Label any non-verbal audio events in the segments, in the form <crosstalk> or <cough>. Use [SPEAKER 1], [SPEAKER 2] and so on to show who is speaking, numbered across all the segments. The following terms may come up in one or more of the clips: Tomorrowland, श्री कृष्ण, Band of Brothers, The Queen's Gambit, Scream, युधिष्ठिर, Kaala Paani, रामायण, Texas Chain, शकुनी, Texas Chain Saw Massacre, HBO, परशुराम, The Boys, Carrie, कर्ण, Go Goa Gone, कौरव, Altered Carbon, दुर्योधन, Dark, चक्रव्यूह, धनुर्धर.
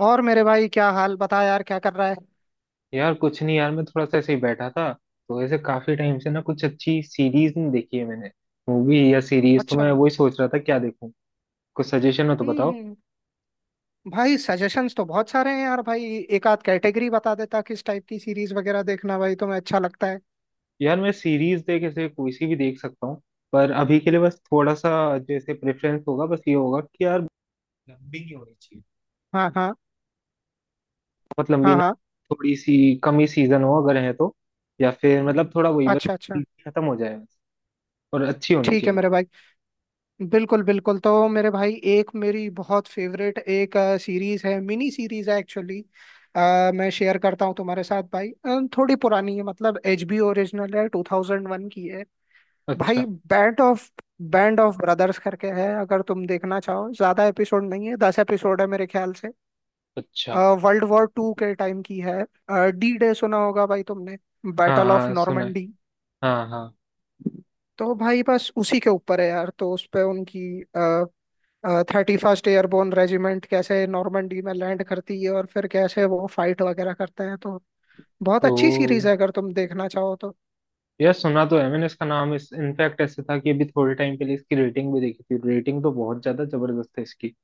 [SPEAKER 1] और मेरे भाई, क्या हाल बता यार? क्या कर रहा है?
[SPEAKER 2] यार कुछ नहीं यार, मैं थोड़ा सा ऐसे ही बैठा था। तो ऐसे काफी टाइम से ना कुछ अच्छी सीरीज नहीं देखी है मैंने। मूवी या सीरीज, तो मैं
[SPEAKER 1] अच्छा।
[SPEAKER 2] वही सोच रहा था क्या देखूं। कुछ सजेशन हो तो बताओ।
[SPEAKER 1] हम्म। भाई, सजेशंस तो बहुत सारे हैं यार भाई। एक आध कैटेगरी बता देता किस टाइप की सीरीज वगैरह देखना भाई तुम्हें अच्छा लगता है।
[SPEAKER 2] यार मैं सीरीज देख ऐसे कोई सी भी देख सकता हूँ। पर अभी के लिए बस थोड़ा सा, जैसे प्रेफरेंस होगा बस ये होगा कि यार, लंबी नहीं होनी चाहिए।
[SPEAKER 1] हाँ हाँ।
[SPEAKER 2] बहुत लंबी
[SPEAKER 1] हाँ
[SPEAKER 2] ना।
[SPEAKER 1] हाँ।
[SPEAKER 2] थोड़ी सी कम ही सीजन हो अगर है तो। या फिर मतलब थोड़ा वही बस,
[SPEAKER 1] अच्छा अच्छा।
[SPEAKER 2] जल्दी खत्म हो जाए बस। और अच्छी होनी
[SPEAKER 1] ठीक है
[SPEAKER 2] चाहिए बस।
[SPEAKER 1] मेरे भाई। बिल्कुल बिल्कुल। तो मेरे भाई, एक मेरी बहुत फेवरेट एक सीरीज है, मिनी सीरीज है एक्चुअली। मैं शेयर करता हूँ तुम्हारे साथ भाई। थोड़ी पुरानी है, मतलब एचबीओ ओरिजिनल है, 2001 की है। भाई
[SPEAKER 2] अच्छा
[SPEAKER 1] बैंड ऑफ ब्रदर्स करके है। अगर तुम देखना चाहो, ज्यादा एपिसोड नहीं है, 10 एपिसोड है मेरे ख्याल से।
[SPEAKER 2] अच्छा।
[SPEAKER 1] वर्ल्ड वॉर 2 के टाइम की है। D Day सुना होगा भाई तुमने,
[SPEAKER 2] हाँ
[SPEAKER 1] बैटल ऑफ
[SPEAKER 2] हाँ, सुना है।
[SPEAKER 1] नॉर्मंडी।
[SPEAKER 2] हाँ हाँ।
[SPEAKER 1] तो भाई बस उसी के ऊपर है यार। तो उस पे उनकी 31वीं एयरबोर्न रेजिमेंट कैसे नॉर्मंडी में लैंड करती है और फिर कैसे वो फाइट वगैरह करते हैं, तो बहुत
[SPEAKER 2] ओ।
[SPEAKER 1] अच्छी सीरीज है अगर तुम देखना चाहो तो।
[SPEAKER 2] यार सुना तो है मैंने इसका नाम, इस इनफैक्ट ऐसे था कि अभी थोड़े टाइम पहले इसकी रेटिंग भी देखी थी। रेटिंग तो बहुत ज्यादा जबरदस्त है इसकी।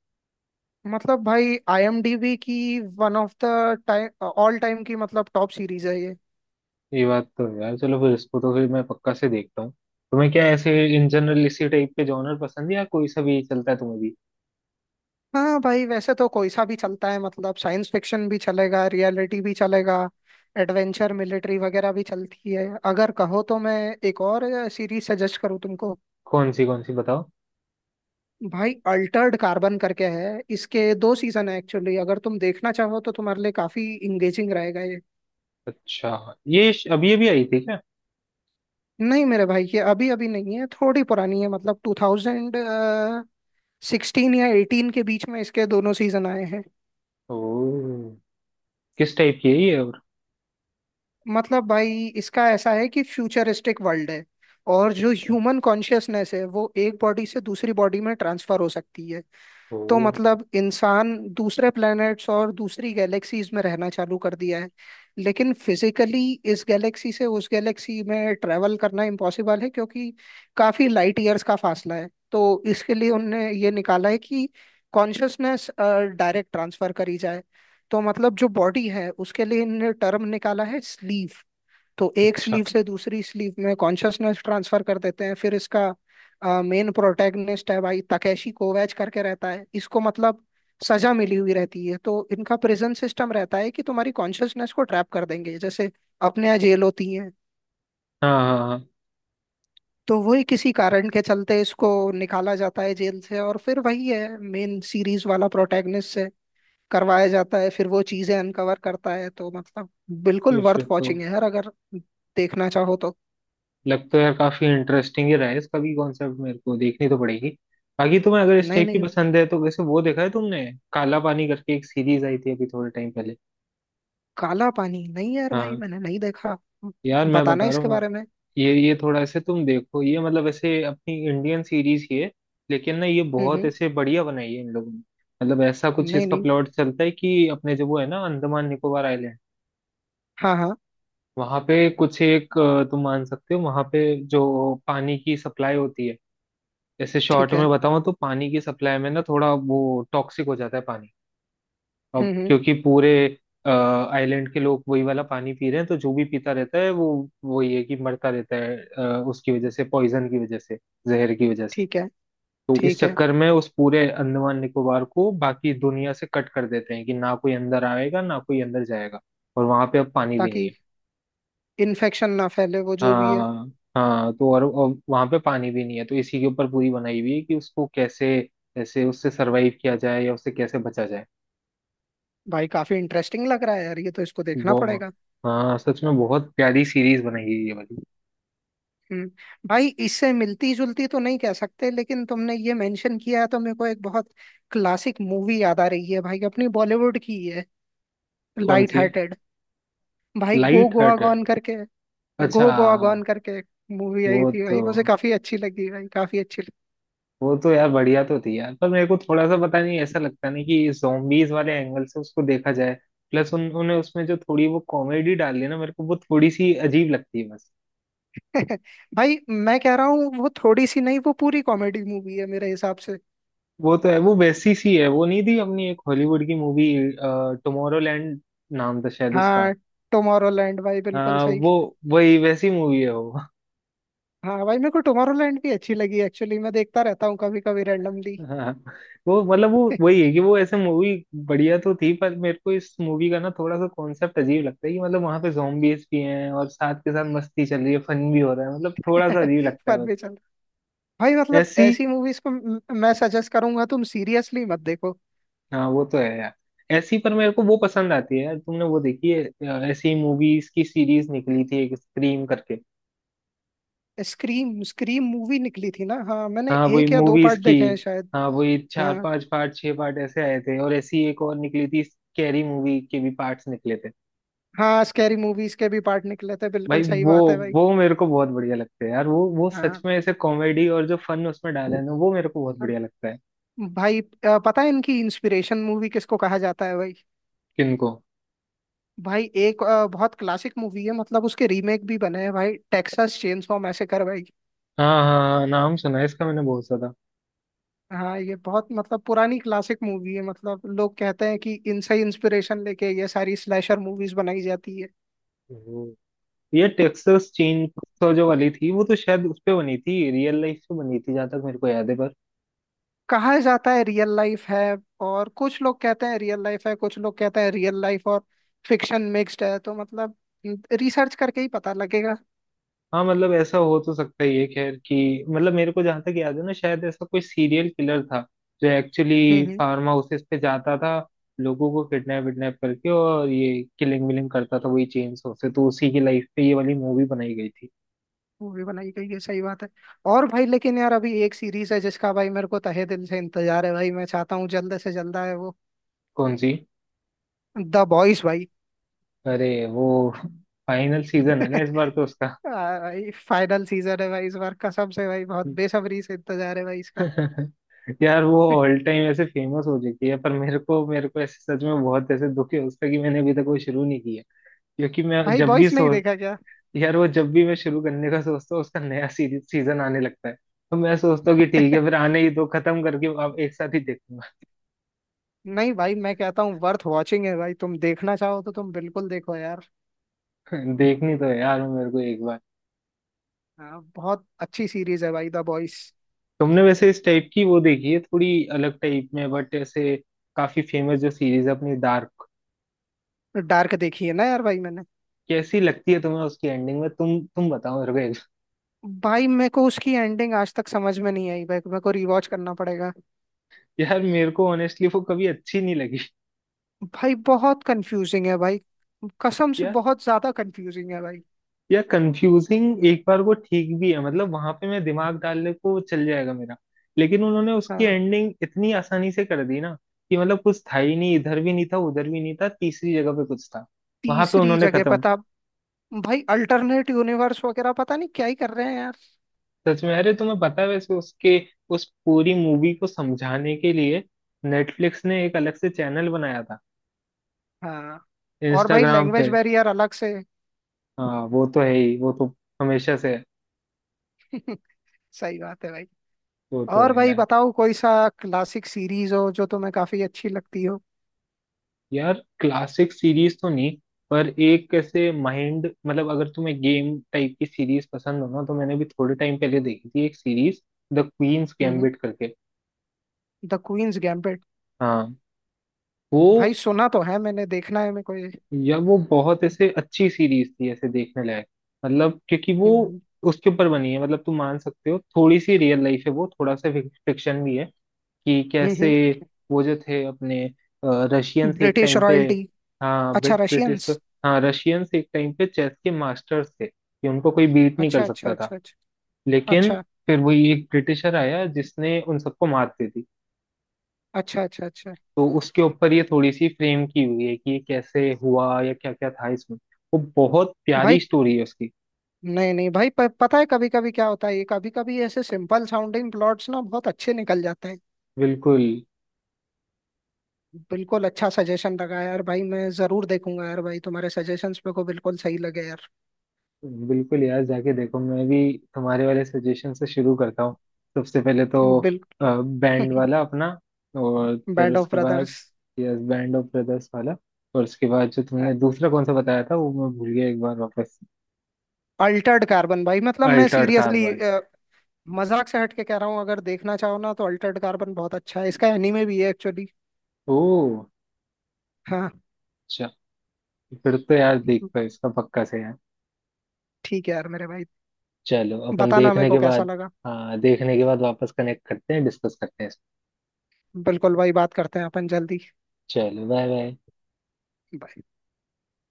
[SPEAKER 1] मतलब भाई IMDb की one of the time, all time की, मतलब टॉप सीरीज है ये।
[SPEAKER 2] ये बात तो है यार। चलो फिर इसको तो फिर मैं पक्का से देखता हूँ। तुम्हें क्या ऐसे इन जनरल इसी टाइप के जॉनर पसंद है, या कोई सा भी चलता है तुम्हें भी?
[SPEAKER 1] हाँ भाई वैसे तो कोई सा भी चलता है, मतलब साइंस फिक्शन भी चलेगा, रियलिटी भी चलेगा, एडवेंचर मिलिट्री वगैरह भी चलती है। अगर कहो तो मैं एक और सीरीज सजेस्ट करूँ तुमको?
[SPEAKER 2] कौन सी बताओ?
[SPEAKER 1] भाई अल्टर्ड कार्बन करके है, इसके दो सीजन है एक्चुअली। अगर तुम देखना चाहो तो तुम्हारे लिए काफी इंगेजिंग रहेगा ये।
[SPEAKER 2] अच्छा। ये अभी अभी आई थी क्या?
[SPEAKER 1] नहीं मेरे भाई, ये अभी अभी नहीं है, थोड़ी पुरानी है, मतलब 2016 या 18 के बीच में इसके दोनों सीजन आए हैं।
[SPEAKER 2] ओ। किस टाइप की है ये और?
[SPEAKER 1] मतलब भाई इसका ऐसा है कि फ्यूचरिस्टिक वर्ल्ड है, और जो
[SPEAKER 2] अच्छा।
[SPEAKER 1] ह्यूमन कॉन्शियसनेस है वो एक बॉडी से दूसरी बॉडी में ट्रांसफर हो सकती है।
[SPEAKER 2] ओ।
[SPEAKER 1] तो मतलब इंसान दूसरे प्लैनेट्स और दूसरी गैलेक्सीज में रहना चालू कर दिया है, लेकिन फिजिकली इस गैलेक्सी से उस गैलेक्सी में ट्रैवल करना इम्पॉसिबल है क्योंकि काफी लाइट ईयर्स का फासला है। तो इसके लिए उनने ये निकाला है कि कॉन्शसनेस डायरेक्ट ट्रांसफर करी जाए। तो मतलब जो बॉडी है उसके लिए इनने टर्म निकाला है, स्लीव। तो एक
[SPEAKER 2] अच्छा।
[SPEAKER 1] स्लीव से दूसरी स्लीव में कॉन्शसनेस ट्रांसफर कर देते हैं। फिर इसका मेन प्रोटैगनिस्ट है भाई तकेशी कोवैच करके। रहता है इसको, मतलब सजा मिली हुई रहती है, तो इनका प्रिजन सिस्टम रहता है कि तुम्हारी कॉन्शसनेस को ट्रैप कर देंगे, जैसे अपने यहाँ जेल होती है।
[SPEAKER 2] हाँ हाँ हाँ।
[SPEAKER 1] तो वही, किसी कारण के चलते इसको निकाला जाता है जेल से, और फिर वही है मेन सीरीज वाला, प्रोटैगनिस्ट से करवाया जाता है, फिर वो चीजें अनकवर करता है। तो मतलब बिल्कुल
[SPEAKER 2] ये फिर
[SPEAKER 1] वर्थ
[SPEAKER 2] तो।
[SPEAKER 1] वॉचिंग है यार, अगर देखना चाहो तो।
[SPEAKER 2] लग तो यार काफी इंटरेस्टिंग ही रहा है इसका भी कॉन्सेप्ट, मेरे को देखनी तो पड़ेगी। बाकी तुम्हें अगर इस
[SPEAKER 1] नहीं
[SPEAKER 2] टाइप की
[SPEAKER 1] नहीं।
[SPEAKER 2] पसंद है तो वैसे वो देखा है तुमने? काला पानी करके एक सीरीज आई थी अभी थोड़े टाइम पहले।
[SPEAKER 1] काला पानी नहीं यार भाई,
[SPEAKER 2] हाँ।
[SPEAKER 1] मैंने नहीं देखा।
[SPEAKER 2] यार मैं
[SPEAKER 1] बताना
[SPEAKER 2] बता रहा
[SPEAKER 1] इसके
[SPEAKER 2] हूँ।
[SPEAKER 1] बारे में।
[SPEAKER 2] ये थोड़ा ऐसे तुम देखो, ये मतलब ऐसे अपनी इंडियन सीरीज ही है। लेकिन ना ये बहुत
[SPEAKER 1] हम्म।
[SPEAKER 2] ऐसे बढ़िया बनाई है इन लोगों ने। मतलब ऐसा कुछ
[SPEAKER 1] नहीं
[SPEAKER 2] इसका
[SPEAKER 1] नहीं।
[SPEAKER 2] प्लॉट चलता है कि अपने जो वो है ना, अंडमान निकोबार आइलैंड।
[SPEAKER 1] हाँ हाँ।
[SPEAKER 2] वहां पे कुछ एक, तुम मान सकते हो वहां पे जो पानी की सप्लाई होती है। जैसे शॉर्ट
[SPEAKER 1] ठीक है।
[SPEAKER 2] में बताऊं तो पानी की सप्लाई में ना थोड़ा वो टॉक्सिक हो जाता है पानी। अब
[SPEAKER 1] हम्म।
[SPEAKER 2] क्योंकि पूरे आइलैंड के लोग वही वाला पानी पी रहे हैं तो जो भी पीता रहता है वो वही है कि मरता रहता है उसकी वजह से। पॉइजन की वजह से। जहर की वजह से।
[SPEAKER 1] ठीक है।
[SPEAKER 2] तो इस
[SPEAKER 1] ठीक है।
[SPEAKER 2] चक्कर में उस पूरे अंडमान निकोबार को बाकी दुनिया से कट कर देते हैं कि ना कोई अंदर आएगा ना कोई अंदर जाएगा। और वहां पे अब पानी भी नहीं
[SPEAKER 1] ताकि
[SPEAKER 2] है।
[SPEAKER 1] इन्फेक्शन ना फैले, वो जो भी है।
[SPEAKER 2] हाँ। हाँ तो और वहां पे पानी भी नहीं है तो इसी के ऊपर पूरी बनाई हुई है कि उसको कैसे ऐसे उससे सरवाइव किया जाए या उससे कैसे बचा जाए।
[SPEAKER 1] भाई काफी इंटरेस्टिंग लग रहा है यार ये तो, इसको देखना
[SPEAKER 2] वो।
[SPEAKER 1] पड़ेगा।
[SPEAKER 2] हाँ सच में बहुत प्यारी सीरीज बनाई है ये वाली।
[SPEAKER 1] हम्म। भाई इससे मिलती जुलती तो नहीं कह सकते, लेकिन तुमने ये मेंशन किया है तो मेरे को एक बहुत क्लासिक मूवी याद आ रही है भाई, अपनी बॉलीवुड की ही है,
[SPEAKER 2] कौन
[SPEAKER 1] लाइट
[SPEAKER 2] सी?
[SPEAKER 1] हार्टेड। भाई
[SPEAKER 2] लाइट हार्टेड। अच्छा।
[SPEAKER 1] गो गोआ गॉन करके मूवी आई
[SPEAKER 2] वो
[SPEAKER 1] थी
[SPEAKER 2] तो।
[SPEAKER 1] भाई, मुझे काफी अच्छी लगी भाई, काफी अच्छी
[SPEAKER 2] वो तो यार बढ़िया तो थी यार, पर मेरे को थोड़ा सा पता नहीं, ऐसा लगता नहीं कि जोम्बीज वाले एंगल से उसको देखा जाए। प्लस उन्होंने उसमें जो थोड़ी वो कॉमेडी डाली है ना, मेरे को वो थोड़ी सी अजीब लगती है बस।
[SPEAKER 1] लगी। <laughs> भाई मैं कह रहा हूँ, वो थोड़ी सी नहीं, वो पूरी कॉमेडी मूवी है मेरे हिसाब से।
[SPEAKER 2] वो तो है। वो वैसी सी है, वो नहीं थी अपनी एक हॉलीवुड की मूवी? टुमारोलैंड नाम था शायद उसका।
[SPEAKER 1] हाँ। टुमारोलैंड भाई, बिल्कुल
[SPEAKER 2] हाँ
[SPEAKER 1] सही।
[SPEAKER 2] वो। वही वैसी मूवी है वो।
[SPEAKER 1] हाँ भाई मेरे को टुमारोलैंड भी अच्छी लगी एक्चुअली, मैं देखता रहता हूँ कभी कभी रैंडमली।
[SPEAKER 2] <laughs> हाँ। वो मतलब वो
[SPEAKER 1] <laughs>
[SPEAKER 2] वही है कि वो ऐसे मूवी बढ़िया तो थी, पर मेरे को इस मूवी का ना थोड़ा सा कॉन्सेप्ट अजीब लगता है कि मतलब वहां पे जॉम्बीज भी हैं और साथ के साथ मस्ती चल रही है फन भी हो रहा है, मतलब थोड़ा सा अजीब लगता
[SPEAKER 1] पर
[SPEAKER 2] है बस।
[SPEAKER 1] भी चल। भाई मतलब
[SPEAKER 2] ऐसी।
[SPEAKER 1] ऐसी मूवीज को मैं सजेस्ट करूंगा तुम सीरियसली मत देखो।
[SPEAKER 2] हाँ वो तो है यार। ऐसी पर मेरे को वो पसंद आती है यार। तुमने वो देखी है ऐसी मूवीज की सीरीज निकली थी एक स्क्रीम करके?
[SPEAKER 1] स्क्रीम स्क्रीम मूवी निकली थी ना। हाँ मैंने
[SPEAKER 2] हाँ वही
[SPEAKER 1] एक या दो
[SPEAKER 2] मूवीज
[SPEAKER 1] पार्ट
[SPEAKER 2] की।
[SPEAKER 1] देखे हैं शायद।
[SPEAKER 2] हाँ वही चार
[SPEAKER 1] हाँ।
[SPEAKER 2] पांच पार्ट छह पार्ट ऐसे आए थे। और ऐसी एक और निकली थी, कैरी मूवी के भी पार्ट्स निकले थे।
[SPEAKER 1] हाँ, स्कैरी मूवीज के भी पार्ट निकले थे,
[SPEAKER 2] भाई
[SPEAKER 1] बिल्कुल सही
[SPEAKER 2] वो
[SPEAKER 1] बात है भाई।
[SPEAKER 2] वो मेरे को बहुत बढ़िया लगते हैं यार। वो सच
[SPEAKER 1] हाँ
[SPEAKER 2] में ऐसे कॉमेडी और जो फन उसमें डाला है ना, वो मेरे को बहुत बढ़िया लगता है।
[SPEAKER 1] भाई, पता है इनकी इंस्पिरेशन मूवी किसको कहा जाता है भाई?
[SPEAKER 2] किनको?
[SPEAKER 1] भाई एक बहुत क्लासिक मूवी है, मतलब उसके रीमेक भी बने हैं भाई, टेक्सास चेनसॉ मैसेकर भाई।
[SPEAKER 2] हाँ हाँ हाँ, नाम सुना है इसका मैंने बहुत ज्यादा।
[SPEAKER 1] हाँ ये बहुत, मतलब पुरानी क्लासिक मूवी है, मतलब लोग कहते हैं कि इनसे इंस्पिरेशन लेके ये सारी स्लैशर मूवीज बनाई जाती है।
[SPEAKER 2] हम्म। ये टेक्सास चेन जो वाली थी वो तो शायद उस पे बनी थी, रियल लाइफ पे बनी थी जहां तक मेरे को याद है पर।
[SPEAKER 1] कहा जाता है रियल लाइफ है। और कुछ लोग कहते हैं रियल लाइफ है, कुछ लोग कहते हैं रियल लाइफ और फिक्शन मिक्स्ड है। तो मतलब रिसर्च करके ही पता लगेगा।
[SPEAKER 2] हाँ, मतलब ऐसा हो तो सकता ही है खैर, कि मतलब मेरे को जहां तक याद है ना, शायद ऐसा कोई सीरियल किलर था जो एक्चुअली
[SPEAKER 1] हम्म।
[SPEAKER 2] फार्म हाउसेस पे जाता था। लोगों को किडनैप विडनैप करके और ये किलिंग विलिंग करता था वही चेन स्मोक से, तो उसी की लाइफ पे ये वाली मूवी बनाई गई थी।
[SPEAKER 1] वो भी बनाई गई है, सही बात है। और भाई, लेकिन यार अभी एक सीरीज है जिसका भाई मेरे को तहे दिल से इंतजार है, भाई मैं चाहता हूँ जल्द से जल्द आए वो।
[SPEAKER 2] कौन सी?
[SPEAKER 1] द बॉयज भाई।
[SPEAKER 2] अरे वो। फाइनल सीजन है ना
[SPEAKER 1] <laughs>
[SPEAKER 2] इस बार तो उसका।
[SPEAKER 1] भाई फाइनल सीजन है भाई इस बार, कसम से भाई, बहुत बेसब्री से इंतजार है भाई इसका।
[SPEAKER 2] <laughs> यार वो
[SPEAKER 1] <laughs>
[SPEAKER 2] ऑल टाइम ऐसे फेमस हो चुकी है, पर मेरे को ऐसे सच में बहुत ऐसे दुख है उसका कि मैंने अभी तक वो शुरू नहीं किया। क्योंकि मैं
[SPEAKER 1] भाई
[SPEAKER 2] जब भी
[SPEAKER 1] बॉयज नहीं
[SPEAKER 2] सोच।
[SPEAKER 1] देखा क्या?
[SPEAKER 2] यार वो जब भी मैं शुरू करने का सोचता हूँ उसका नया सीरीज सीजन आने लगता है। तो मैं सोचता हूँ कि ठीक है फिर
[SPEAKER 1] <laughs>
[SPEAKER 2] आने ही दो, खत्म करके आप एक साथ ही देखूंगा।
[SPEAKER 1] नहीं भाई मैं कहता हूँ वर्थ वॉचिंग है भाई, तुम देखना चाहो तो तुम बिल्कुल देखो यार।
[SPEAKER 2] <laughs> देखनी तो है यार वो मेरे को एक बार।
[SPEAKER 1] हाँ, बहुत अच्छी सीरीज है भाई द बॉयज।
[SPEAKER 2] तुमने वैसे इस टाइप की वो देखी है थोड़ी अलग टाइप में बट ऐसे काफी फेमस जो सीरीज है अपनी डार्क?
[SPEAKER 1] डार्क देखी है ना यार भाई मैंने।
[SPEAKER 2] कैसी लगती है तुम्हें उसकी एंडिंग में? तुम बताओ मेरे को एक।
[SPEAKER 1] भाई मेरे को उसकी एंडिंग आज तक समझ में नहीं आई भाई, मेरे को रिवॉच करना पड़ेगा।
[SPEAKER 2] <laughs> यार मेरे को ऑनेस्टली वो कभी अच्छी नहीं लगी।
[SPEAKER 1] भाई बहुत कंफ्यूजिंग है भाई, कसम
[SPEAKER 2] <laughs>
[SPEAKER 1] से
[SPEAKER 2] यार,
[SPEAKER 1] बहुत ज्यादा कंफ्यूजिंग है भाई।
[SPEAKER 2] या कंफ्यूजिंग एक बार वो ठीक भी है, मतलब वहां पे मैं दिमाग डालने को चल जाएगा मेरा। लेकिन उन्होंने उसकी
[SPEAKER 1] हाँ।
[SPEAKER 2] एंडिंग इतनी आसानी से कर दी ना, कि मतलब कुछ था ही नहीं। इधर भी नहीं था उधर भी नहीं था, तीसरी जगह पे कुछ था। वहां पे
[SPEAKER 1] तीसरी
[SPEAKER 2] उन्होंने
[SPEAKER 1] जगह
[SPEAKER 2] खत्म।
[SPEAKER 1] पता। भाई अल्टरनेट यूनिवर्स वगैरह पता नहीं क्या ही कर रहे हैं यार।
[SPEAKER 2] सच में, अरे तुम्हें पता है वैसे उसके उस पूरी मूवी को समझाने के लिए नेटफ्लिक्स ने एक अलग से चैनल बनाया था
[SPEAKER 1] हाँ। और भाई
[SPEAKER 2] इंस्टाग्राम
[SPEAKER 1] लैंग्वेज
[SPEAKER 2] पे।
[SPEAKER 1] बैरियर अलग से।
[SPEAKER 2] हाँ वो तो है ही। वो तो हमेशा से है।
[SPEAKER 1] <laughs> सही बात है भाई।
[SPEAKER 2] वो तो
[SPEAKER 1] और
[SPEAKER 2] है
[SPEAKER 1] भाई
[SPEAKER 2] यार।
[SPEAKER 1] बताओ, कोई सा क्लासिक सीरीज हो जो तुम्हें काफी अच्छी लगती हो?
[SPEAKER 2] यार क्लासिक सीरीज तो नहीं, पर एक कैसे माइंड, मतलब अगर तुम्हें गेम टाइप की सीरीज पसंद हो ना, तो मैंने भी थोड़े टाइम पहले देखी थी एक series. The queen's
[SPEAKER 1] hmm.
[SPEAKER 2] Gambit करके।
[SPEAKER 1] The queen's gambit?
[SPEAKER 2] हाँ। वो।
[SPEAKER 1] भाई सुना तो है मैंने, देखना है मैं कोई।
[SPEAKER 2] या वो बहुत ऐसे अच्छी सीरीज थी ऐसे देखने लायक। मतलब क्योंकि वो
[SPEAKER 1] हम्म
[SPEAKER 2] उसके ऊपर बनी है, मतलब तुम मान सकते हो थोड़ी सी रियल लाइफ है वो थोड़ा सा फिक्शन भी है, कि कैसे
[SPEAKER 1] हम्म।
[SPEAKER 2] वो जो थे अपने रशियंस एक
[SPEAKER 1] ब्रिटिश
[SPEAKER 2] टाइम पे।
[SPEAKER 1] रॉयल्टी?
[SPEAKER 2] हाँ
[SPEAKER 1] अच्छा,
[SPEAKER 2] ब्रिटिश तो।
[SPEAKER 1] रशियंस।
[SPEAKER 2] हाँ रशियंस एक टाइम पे चेस के मास्टर्स थे कि उनको कोई बीट नहीं कर
[SPEAKER 1] अच्छा अच्छा
[SPEAKER 2] सकता था।
[SPEAKER 1] अच्छा अच्छा।
[SPEAKER 2] लेकिन
[SPEAKER 1] अच्छा
[SPEAKER 2] फिर वही एक ब्रिटिशर आया जिसने उन सबको मात दी थी।
[SPEAKER 1] अच्छा अच्छा अच्छा।
[SPEAKER 2] तो उसके ऊपर ये थोड़ी सी फ्रेम की हुई है कि ये कैसे हुआ या क्या क्या था इसमें। वो बहुत प्यारी
[SPEAKER 1] भाई
[SPEAKER 2] स्टोरी है उसकी।
[SPEAKER 1] नहीं नहीं भाई, पता है कभी कभी क्या होता है ये, कभी कभी ऐसे सिंपल साउंडिंग प्लॉट्स ना बहुत अच्छे निकल जाते हैं।
[SPEAKER 2] बिल्कुल।
[SPEAKER 1] बिल्कुल। अच्छा सजेशन लगा यार भाई, मैं जरूर देखूंगा यार भाई, तुम्हारे सजेशंस मेरे को बिल्कुल सही लगे यार।
[SPEAKER 2] बिल्कुल यार जाके देखो, मैं भी तुम्हारे वाले सजेशन से शुरू करता हूँ। सबसे पहले तो बैंड
[SPEAKER 1] बिल्कुल।
[SPEAKER 2] वाला अपना। और
[SPEAKER 1] <laughs>
[SPEAKER 2] फिर
[SPEAKER 1] बैंड ऑफ
[SPEAKER 2] उसके बाद।
[SPEAKER 1] Brothers.
[SPEAKER 2] Yes, band of brothers वाला। और उसके बाद जो तुमने दूसरा कौन सा बताया था वो मैं भूल गया, एक बार वापस।
[SPEAKER 1] अल्टर्ड कार्बन भाई, मतलब मैं
[SPEAKER 2] अल्टर्ड
[SPEAKER 1] सीरियसली
[SPEAKER 2] कार्बन।
[SPEAKER 1] मजाक से हट के कह रहा हूँ, अगर देखना चाहो ना तो अल्टर्ड कार्बन बहुत अच्छा है, इसका एनीमे भी है एक्चुअली।
[SPEAKER 2] ओ।
[SPEAKER 1] हाँ।
[SPEAKER 2] अच्छा। फिर तो यार देखता है इसका पक्का से यार।
[SPEAKER 1] ठीक है यार मेरे भाई।
[SPEAKER 2] चलो अपन
[SPEAKER 1] बताना मेरे
[SPEAKER 2] देखने
[SPEAKER 1] को
[SPEAKER 2] के
[SPEAKER 1] कैसा
[SPEAKER 2] बाद।
[SPEAKER 1] लगा।
[SPEAKER 2] हाँ देखने के बाद वापस कनेक्ट करते हैं, डिस्कस करते हैं इसको।
[SPEAKER 1] बिल्कुल भाई, बात करते हैं अपन जल्दी।
[SPEAKER 2] चलो बाय बाय।
[SPEAKER 1] Bye.